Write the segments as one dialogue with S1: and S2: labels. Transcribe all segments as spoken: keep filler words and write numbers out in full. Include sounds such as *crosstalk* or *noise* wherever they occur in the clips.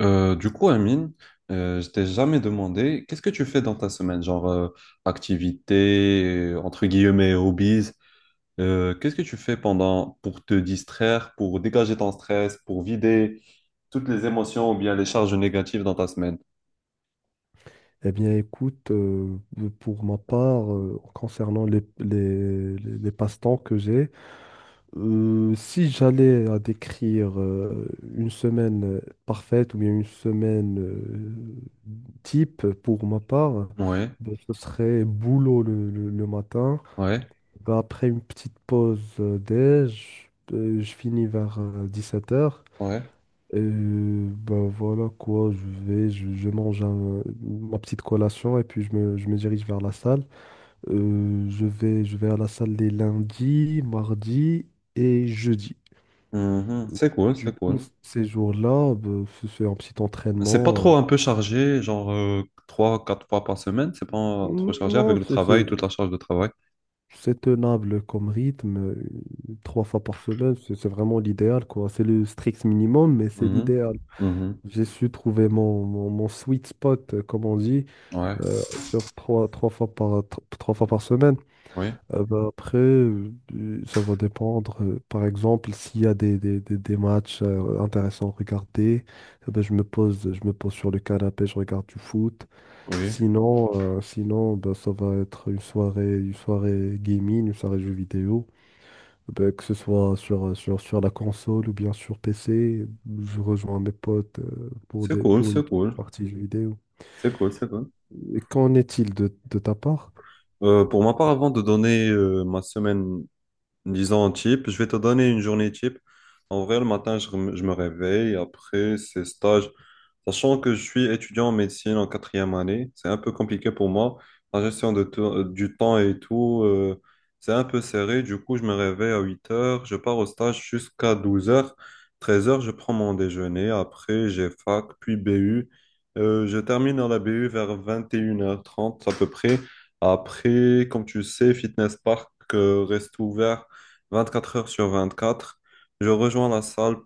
S1: Euh, du coup, Amine, euh, je t'ai jamais demandé, qu'est-ce que tu fais dans ta semaine, genre euh, activité, euh, entre guillemets, hobbies, euh, qu'est-ce que tu fais pendant pour te distraire, pour dégager ton stress, pour vider toutes les émotions ou bien les charges négatives dans ta semaine?
S2: Eh bien, écoute, euh, pour ma part, euh, concernant les, les, les- les passe-temps que j'ai, euh, si j'allais à décrire euh, une semaine euh, parfaite ou bien une semaine euh, type pour ma part,
S1: Ouais,
S2: ben, ce serait boulot le, le- le matin.
S1: ouais,
S2: Ben, après une petite pause euh, déj, euh, je finis vers euh, dix-sept heures.
S1: ouais.
S2: Et ben voilà quoi, je vais, je, je mange un- ma petite collation et puis je me, je me dirige vers la salle. Euh, je vais, je vais à la salle les lundis, mardis et jeudi.
S1: Mhm, c'est cool,
S2: Du
S1: c'est
S2: coup,
S1: cool.
S2: ces jours-là, ben, je fais un petit
S1: C'est pas
S2: entraînement.
S1: trop
S2: euh,
S1: un peu chargé, genre euh, trois, quatre fois par semaine, c'est pas trop chargé avec
S2: Non,
S1: le
S2: c'est c'est-
S1: travail, toute la charge de travail.
S2: c'est tenable comme rythme. euh, Trois fois par semaine, c'est c'est vraiment l'idéal, quoi. C'est le strict minimum, mais c'est
S1: Mhm,
S2: l'idéal.
S1: mhm,
S2: J'ai su trouver mon, mon, mon sweet spot, euh, comme on dit.
S1: ouais,
S2: euh, sur trois, trois fois par, tro- trois fois par semaine.
S1: oui,
S2: Euh, bah, après, euh, ça va dépendre. Euh, par exemple, s'il y a des, des, des, des matchs euh, intéressants à regarder, euh, bah, je me pose, je me pose sur le canapé, je regarde du foot.
S1: oui.
S2: Sinon, euh, sinon bah, ça va être une soirée, une soirée gaming, une soirée jeux vidéo. Bah, que ce soit sur, euh, sur, sur la console ou bien sur P C, je rejoins mes potes euh, pour
S1: C'est
S2: des,
S1: cool,
S2: pour une
S1: c'est cool,
S2: partie jeux vidéo.
S1: c'est cool, c'est cool.
S2: Et qu'en est-il de, de ta part?
S1: Euh, pour ma part, avant de donner euh, ma semaine, disons, type, je vais te donner une journée type. En vrai, le matin, je, rem- je me réveille. Après, c'est stage. Sachant que je suis étudiant en médecine en quatrième année, c'est un peu compliqué pour moi. La gestion de te- du temps et tout, euh, c'est un peu serré. Du coup, je me réveille à huit heures, je pars au stage jusqu'à douze heures. Treize heures, je prends mon déjeuner. Après, j'ai fac, puis B U. Euh, je termine à la B U vers vingt et une heures trente à peu près. Après, comme tu sais, Fitness Park, euh, reste ouvert vingt-quatre heures sur vingt-quatre. Je rejoins la salle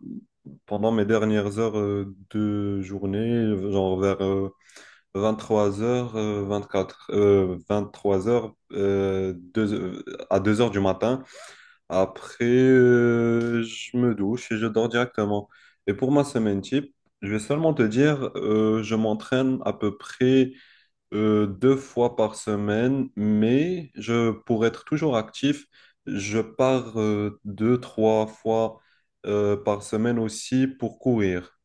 S1: pendant mes dernières heures euh, de journée, genre vers vingt-trois heures, vingt-quatre, euh, vingt-trois heures euh, deux- euh, à deux heures du matin. Après, euh, je me douche et je dors directement. Et pour ma semaine type, je vais seulement te dire, euh, je m'entraîne à peu près euh, deux fois par semaine, mais je, pour être toujours actif, je pars euh, deux, trois fois euh, par semaine aussi pour courir.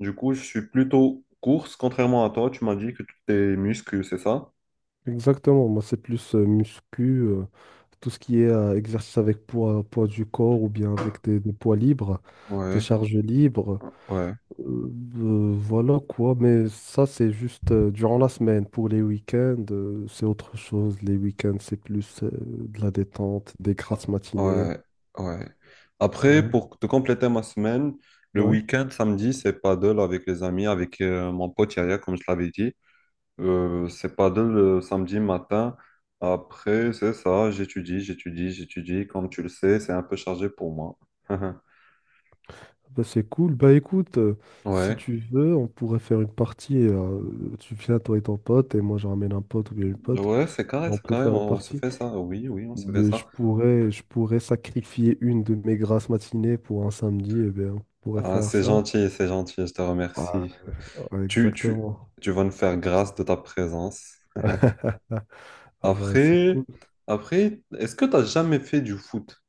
S1: Du coup, je suis plutôt course, contrairement à toi. Tu m'as dit que tu tes muscles, c'est ça?
S2: Exactement, moi c'est plus euh, muscu, euh, tout ce qui est euh, exercice avec poids, poids du corps ou bien avec des, des poids libres, des
S1: Ouais,
S2: charges libres.
S1: ouais,
S2: Euh, euh, voilà quoi, mais ça c'est juste euh, durant la semaine. Pour les week-ends, euh, c'est autre chose. Les week-ends, c'est plus euh, de la détente, des
S1: ah,
S2: grasses matinées.
S1: ouais, ouais. Après,
S2: Ouais.
S1: pour te compléter ma semaine, le
S2: Ouais,
S1: week-end, samedi, c'est paddle avec les amis, avec euh, mon pote Yaya, comme je l'avais dit. Euh, c'est paddle le samedi matin. Après, c'est ça, j'étudie, j'étudie, j'étudie. Comme tu le sais, c'est un peu chargé pour moi. *laughs*
S2: bah c'est cool. Bah écoute, euh, si
S1: Ouais.
S2: tu veux, on pourrait faire une partie. Euh, tu viens, toi et ton pote, et moi je ramène un pote ou bien une pote.
S1: Ouais, c'est carré,
S2: On
S1: c'est
S2: peut
S1: carré,
S2: faire une
S1: on, on se
S2: partie.
S1: fait ça. Oui, oui, on se fait
S2: Mais je
S1: ça.
S2: pourrais, je pourrais sacrifier une de mes grasses matinées pour un samedi. Et bien, on pourrait
S1: Ah,
S2: faire
S1: c'est
S2: ça.
S1: gentil, c'est gentil, je te
S2: Ouais,
S1: remercie.
S2: ouais,
S1: Tu, tu,
S2: exactement.
S1: tu vas me faire grâce de ta présence.
S2: *laughs* Ah bah, c'est
S1: Après,
S2: cool.
S1: après, est-ce que tu as jamais fait du foot?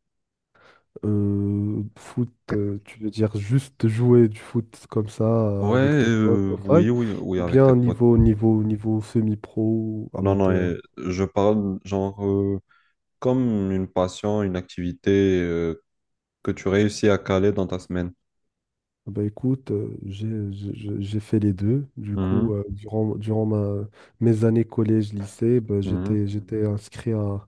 S2: Euh, foot, euh, tu veux dire juste jouer du foot comme ça euh,
S1: Ouais,
S2: avec tes potes,
S1: euh,
S2: au five,
S1: oui, oui, oui,
S2: ou
S1: avec tes
S2: bien
S1: potes.
S2: niveau niveau niveau semi-pro,
S1: Non, non,
S2: amateur?
S1: euh, je parle genre euh, comme une passion, une activité euh, que tu réussis à caler dans ta semaine.
S2: Ah bah écoute, euh, j'ai j'ai- j'ai- j'ai fait les deux. Du coup,
S1: Mhm,
S2: euh, durant durant ma, mes années collège lycée, bah,
S1: mhm,
S2: j'étais j'étais inscrit à,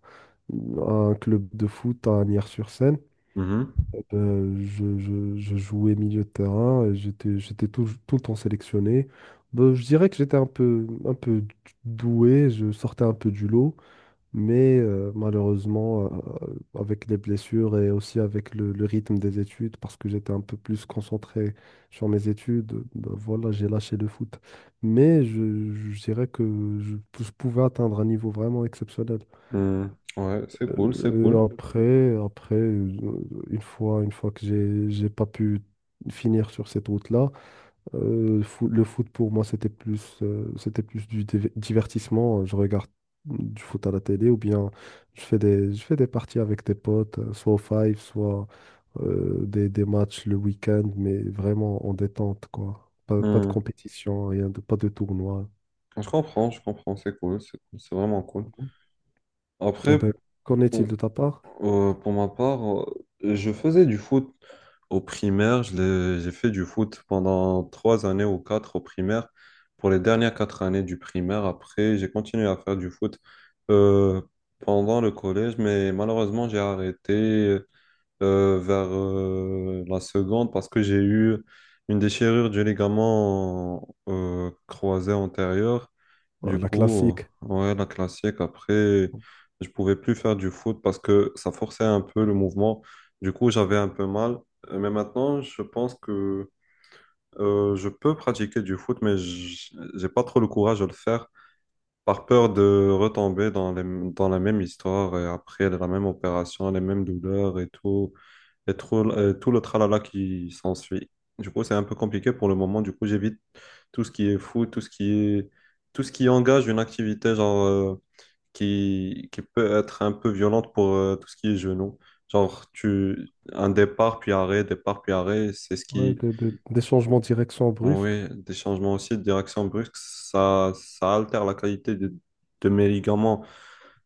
S2: à un club de foot à Nières-sur-Seine.
S1: mhm,
S2: Euh, je, je- je jouais milieu de terrain et j'étais, j'étais tout, tout le temps sélectionné. Ben, je dirais que j'étais un peu, un peu doué, je sortais un peu du lot, mais euh, malheureusement, euh, avec les blessures et aussi avec le, le rythme des études, parce que j'étais un peu plus concentré sur mes études, ben voilà, j'ai lâché le foot. Mais je, je dirais que je je pouvais atteindre un niveau vraiment exceptionnel.
S1: mhm. Ouais, c'est cool, c'est
S2: Euh,
S1: cool.
S2: euh, après, après, euh, une fois, une fois que j'ai, j'ai pas pu finir sur cette route-là, euh, fo- le foot pour moi c'était plus, euh, c'était plus du div- divertissement. Je regarde du foot à la télé ou bien je fais des, je fais des parties avec des potes, euh, soit au five, soit euh, des, des matchs le week-end, mais vraiment en détente quoi. Pas, pas de
S1: Mhm.
S2: compétition, rien de, pas de tournoi.
S1: Je comprends, je comprends, c'est cool, c'est cool, c'est vraiment cool.
S2: Eh
S1: Après,
S2: ben, qu'en
S1: pour,
S2: est-il de ta part?
S1: Euh, pour ma part, euh, je faisais du foot au primaire. Je l'ai- j'ai fait du foot pendant trois années ou quatre au primaire. Pour les dernières quatre années du primaire, après, j'ai continué à faire du foot euh, pendant le collège, mais malheureusement, j'ai arrêté. Euh, euh, vers euh, la seconde parce que j'ai eu une déchirure du ligament euh, croisé antérieur.
S2: Euh,
S1: Du
S2: La
S1: coup,
S2: classique.
S1: ouais, la classique. Après, je pouvais plus faire du foot parce que ça forçait un peu le mouvement. Du coup, j'avais un peu mal. Euh, Mais maintenant, je pense que euh, je peux pratiquer du foot, mais j- j'ai pas trop le courage de le faire par peur de retomber dans les- dans la même histoire et après la même opération, les mêmes douleurs et tout et tout, euh, tout le tralala qui s'ensuit. Du coup, c'est un peu compliqué pour le moment. Du coup, j'évite tout ce qui est fou, tout ce qui est, tout ce qui engage une activité genre, euh, qui, qui peut être un peu violente pour euh, tout ce qui est genou. Genre, tu, un départ puis arrêt, départ puis arrêt, c'est ce
S2: Ouais,
S1: qui.
S2: de- de- des changements de direction brusques.
S1: Oui, des changements aussi de direction brusque, ça, ça altère la qualité de, de mes ligaments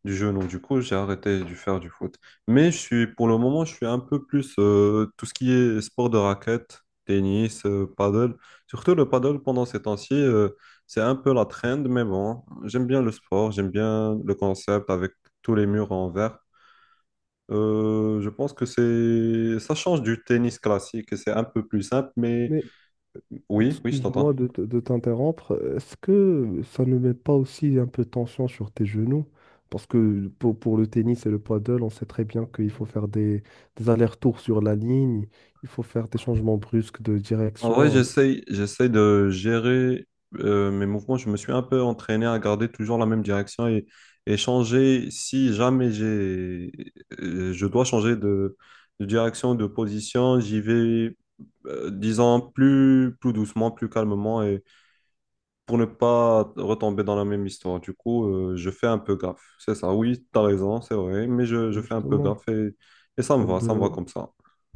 S1: du jeu. Donc, du coup, j'ai arrêté de faire du foot. Mais je suis, pour le moment, je suis un peu plus euh, tout ce qui est sport de raquette, tennis, euh, paddle. Surtout le paddle pendant ces temps-ci, euh, c'est un peu la trend, mais bon, j'aime bien le sport, j'aime bien le concept avec tous les murs en verre. Euh, je pense que c'est ça change du tennis classique et c'est un peu plus simple, mais
S2: Mais
S1: oui, oui, je
S2: excuse-moi
S1: t'entends.
S2: de, te- de t'interrompre. Est-ce que ça ne met pas aussi un peu de tension sur tes genoux? Parce que pour, pour le tennis et le paddle, on sait très bien qu'il faut faire des, des allers-retours sur la ligne, il faut faire des changements brusques de
S1: En vrai,
S2: direction.
S1: j'essaye, j'essaye de gérer euh, mes mouvements. Je me suis un peu entraîné à garder toujours la même direction et, et changer si jamais j'ai, euh, je dois changer de, de direction, de position. J'y vais, euh, disons, plus, plus doucement, plus calmement et pour ne pas retomber dans la même histoire. Du coup, euh, je fais un peu gaffe. C'est ça. Oui, t'as raison, c'est vrai, mais je, je fais un peu
S2: Justement,
S1: gaffe et, et ça me
S2: euh,
S1: va, ça me va
S2: ben,
S1: comme ça.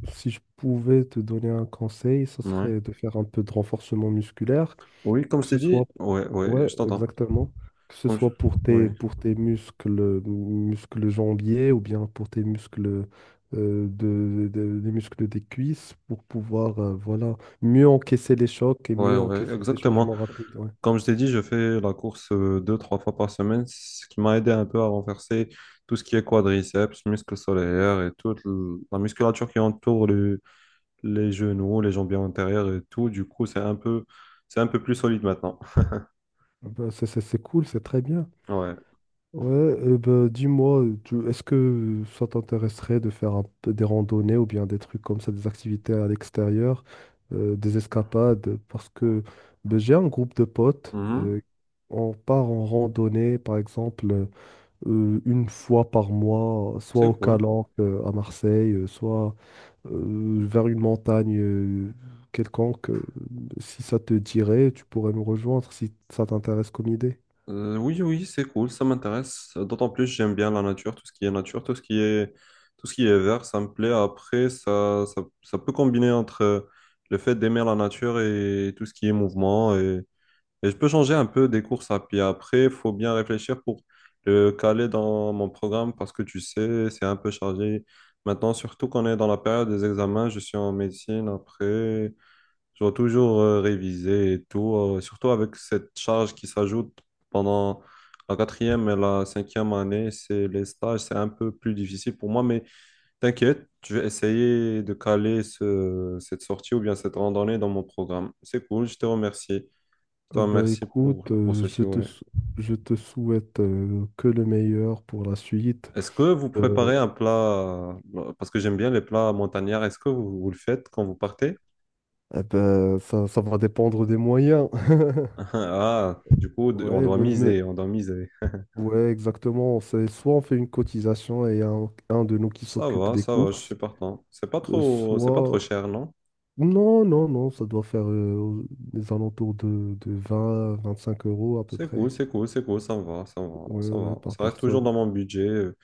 S2: si je pouvais te donner un conseil, ce
S1: Ouais.
S2: serait de faire un peu de renforcement musculaire
S1: Oui, comme
S2: que
S1: je t'ai
S2: ce soit,
S1: dit, ouais, ouais,
S2: ouais,
S1: je t'entends.
S2: exactement, que ce
S1: Comme je-
S2: soit pour tes,
S1: Oui,
S2: pour tes muscles, muscles jambiers ou bien pour tes muscles, euh, de, de- des muscles des cuisses pour pouvoir, euh, voilà, mieux encaisser les chocs et
S1: ouais,
S2: mieux
S1: ouais,
S2: encaisser ces
S1: exactement.
S2: changements rapides. Ouais.
S1: Comme je t'ai dit, je fais la course euh, deux, trois fois par semaine, ce qui m'a aidé un peu à renverser tout ce qui est quadriceps, muscles solaires et toute l- la musculature qui entoure le- les genoux, les jambiers antérieurs et tout. Du coup, c'est un peu, c'est un peu plus solide maintenant.
S2: Ah ben, c'est c'est- c'est cool, c'est très bien.
S1: Ouais.
S2: Ouais, euh, bah, dis-moi, tu- est-ce que ça t'intéresserait de faire un peu des randonnées ou bien des trucs comme ça, des activités à l'extérieur, euh, des escapades? Parce que ben j'ai un groupe de potes,
S1: Mhm.
S2: euh, on part en randonnée, par exemple, euh, une fois par mois, soit au
S1: C'est cool.
S2: Calanque, euh, à Marseille, euh, soit euh, vers une montagne euh, quelconque. Euh, Si ça te dirait, tu pourrais nous rejoindre si ça t'intéresse comme idée.
S1: Euh, oui, oui, c'est cool, ça m'intéresse. D'autant plus, j'aime bien la nature, tout ce qui est nature, tout ce qui est, tout ce qui est vert, ça me plaît. Après, ça, ça, ça peut combiner entre euh, le fait d'aimer la nature et tout ce qui est mouvement. Et, et je peux changer un peu des courses à pied. Après, il faut bien réfléchir pour le caler dans mon programme parce que tu sais, c'est un peu chargé. Maintenant, surtout qu'on est dans la période des examens, je suis en médecine après. Je dois toujours euh, réviser et tout, euh, surtout avec cette charge qui s'ajoute pendant la quatrième et la cinquième année, c'est les stages, c'est un peu plus difficile pour moi, mais t'inquiète, je vais essayer de caler ce- cette sortie ou bien cette randonnée dans mon programme. C'est cool, je te remercie. Je te
S2: Ah bah
S1: remercie
S2: écoute,
S1: pour, pour
S2: euh, je
S1: ceci,
S2: te,
S1: ouais.
S2: sou- je te souhaite euh, que le meilleur pour la suite.
S1: Est-ce que vous
S2: Euh,
S1: préparez un plat, euh, parce que j'aime bien les plats montagnards, est-ce que vous, vous le faites quand vous partez?
S2: eh ben, ça, ça va dépendre des moyens.
S1: *laughs*
S2: *laughs*
S1: Ah, du coup, on
S2: Ouais,
S1: doit
S2: mais, mais-
S1: miser, on doit miser.
S2: ouais, exactement. C'est soit on fait une cotisation et un, un de nous qui
S1: Ça
S2: s'occupe
S1: va,
S2: des
S1: ça va, je suis
S2: courses,
S1: partant. C'est pas
S2: euh,
S1: trop, c'est pas
S2: soit...
S1: trop cher, non?
S2: Non, non, non, ça doit faire euh, des alentours de, de vingt, vingt-cinq euros à peu
S1: C'est cool,
S2: près.
S1: c'est cool, c'est cool, ça me va, ça me va,
S2: Ouais,
S1: ça me
S2: ouais,
S1: va.
S2: par
S1: Ça reste toujours
S2: personne.
S1: dans mon budget. euh.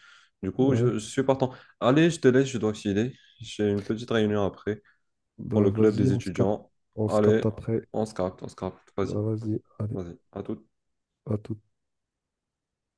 S1: Du coup,
S2: Ouais,
S1: je, je suis partant. Allez, je te laisse, je dois filer. J'ai une petite réunion après pour
S2: bah
S1: le club
S2: vas-y,
S1: des
S2: on se capte,
S1: étudiants.
S2: on se
S1: Allez,
S2: capte après.
S1: on se capte, on se capte. Vas-y,
S2: Bah vas-y, allez,
S1: vas-y, à tout.
S2: à tout.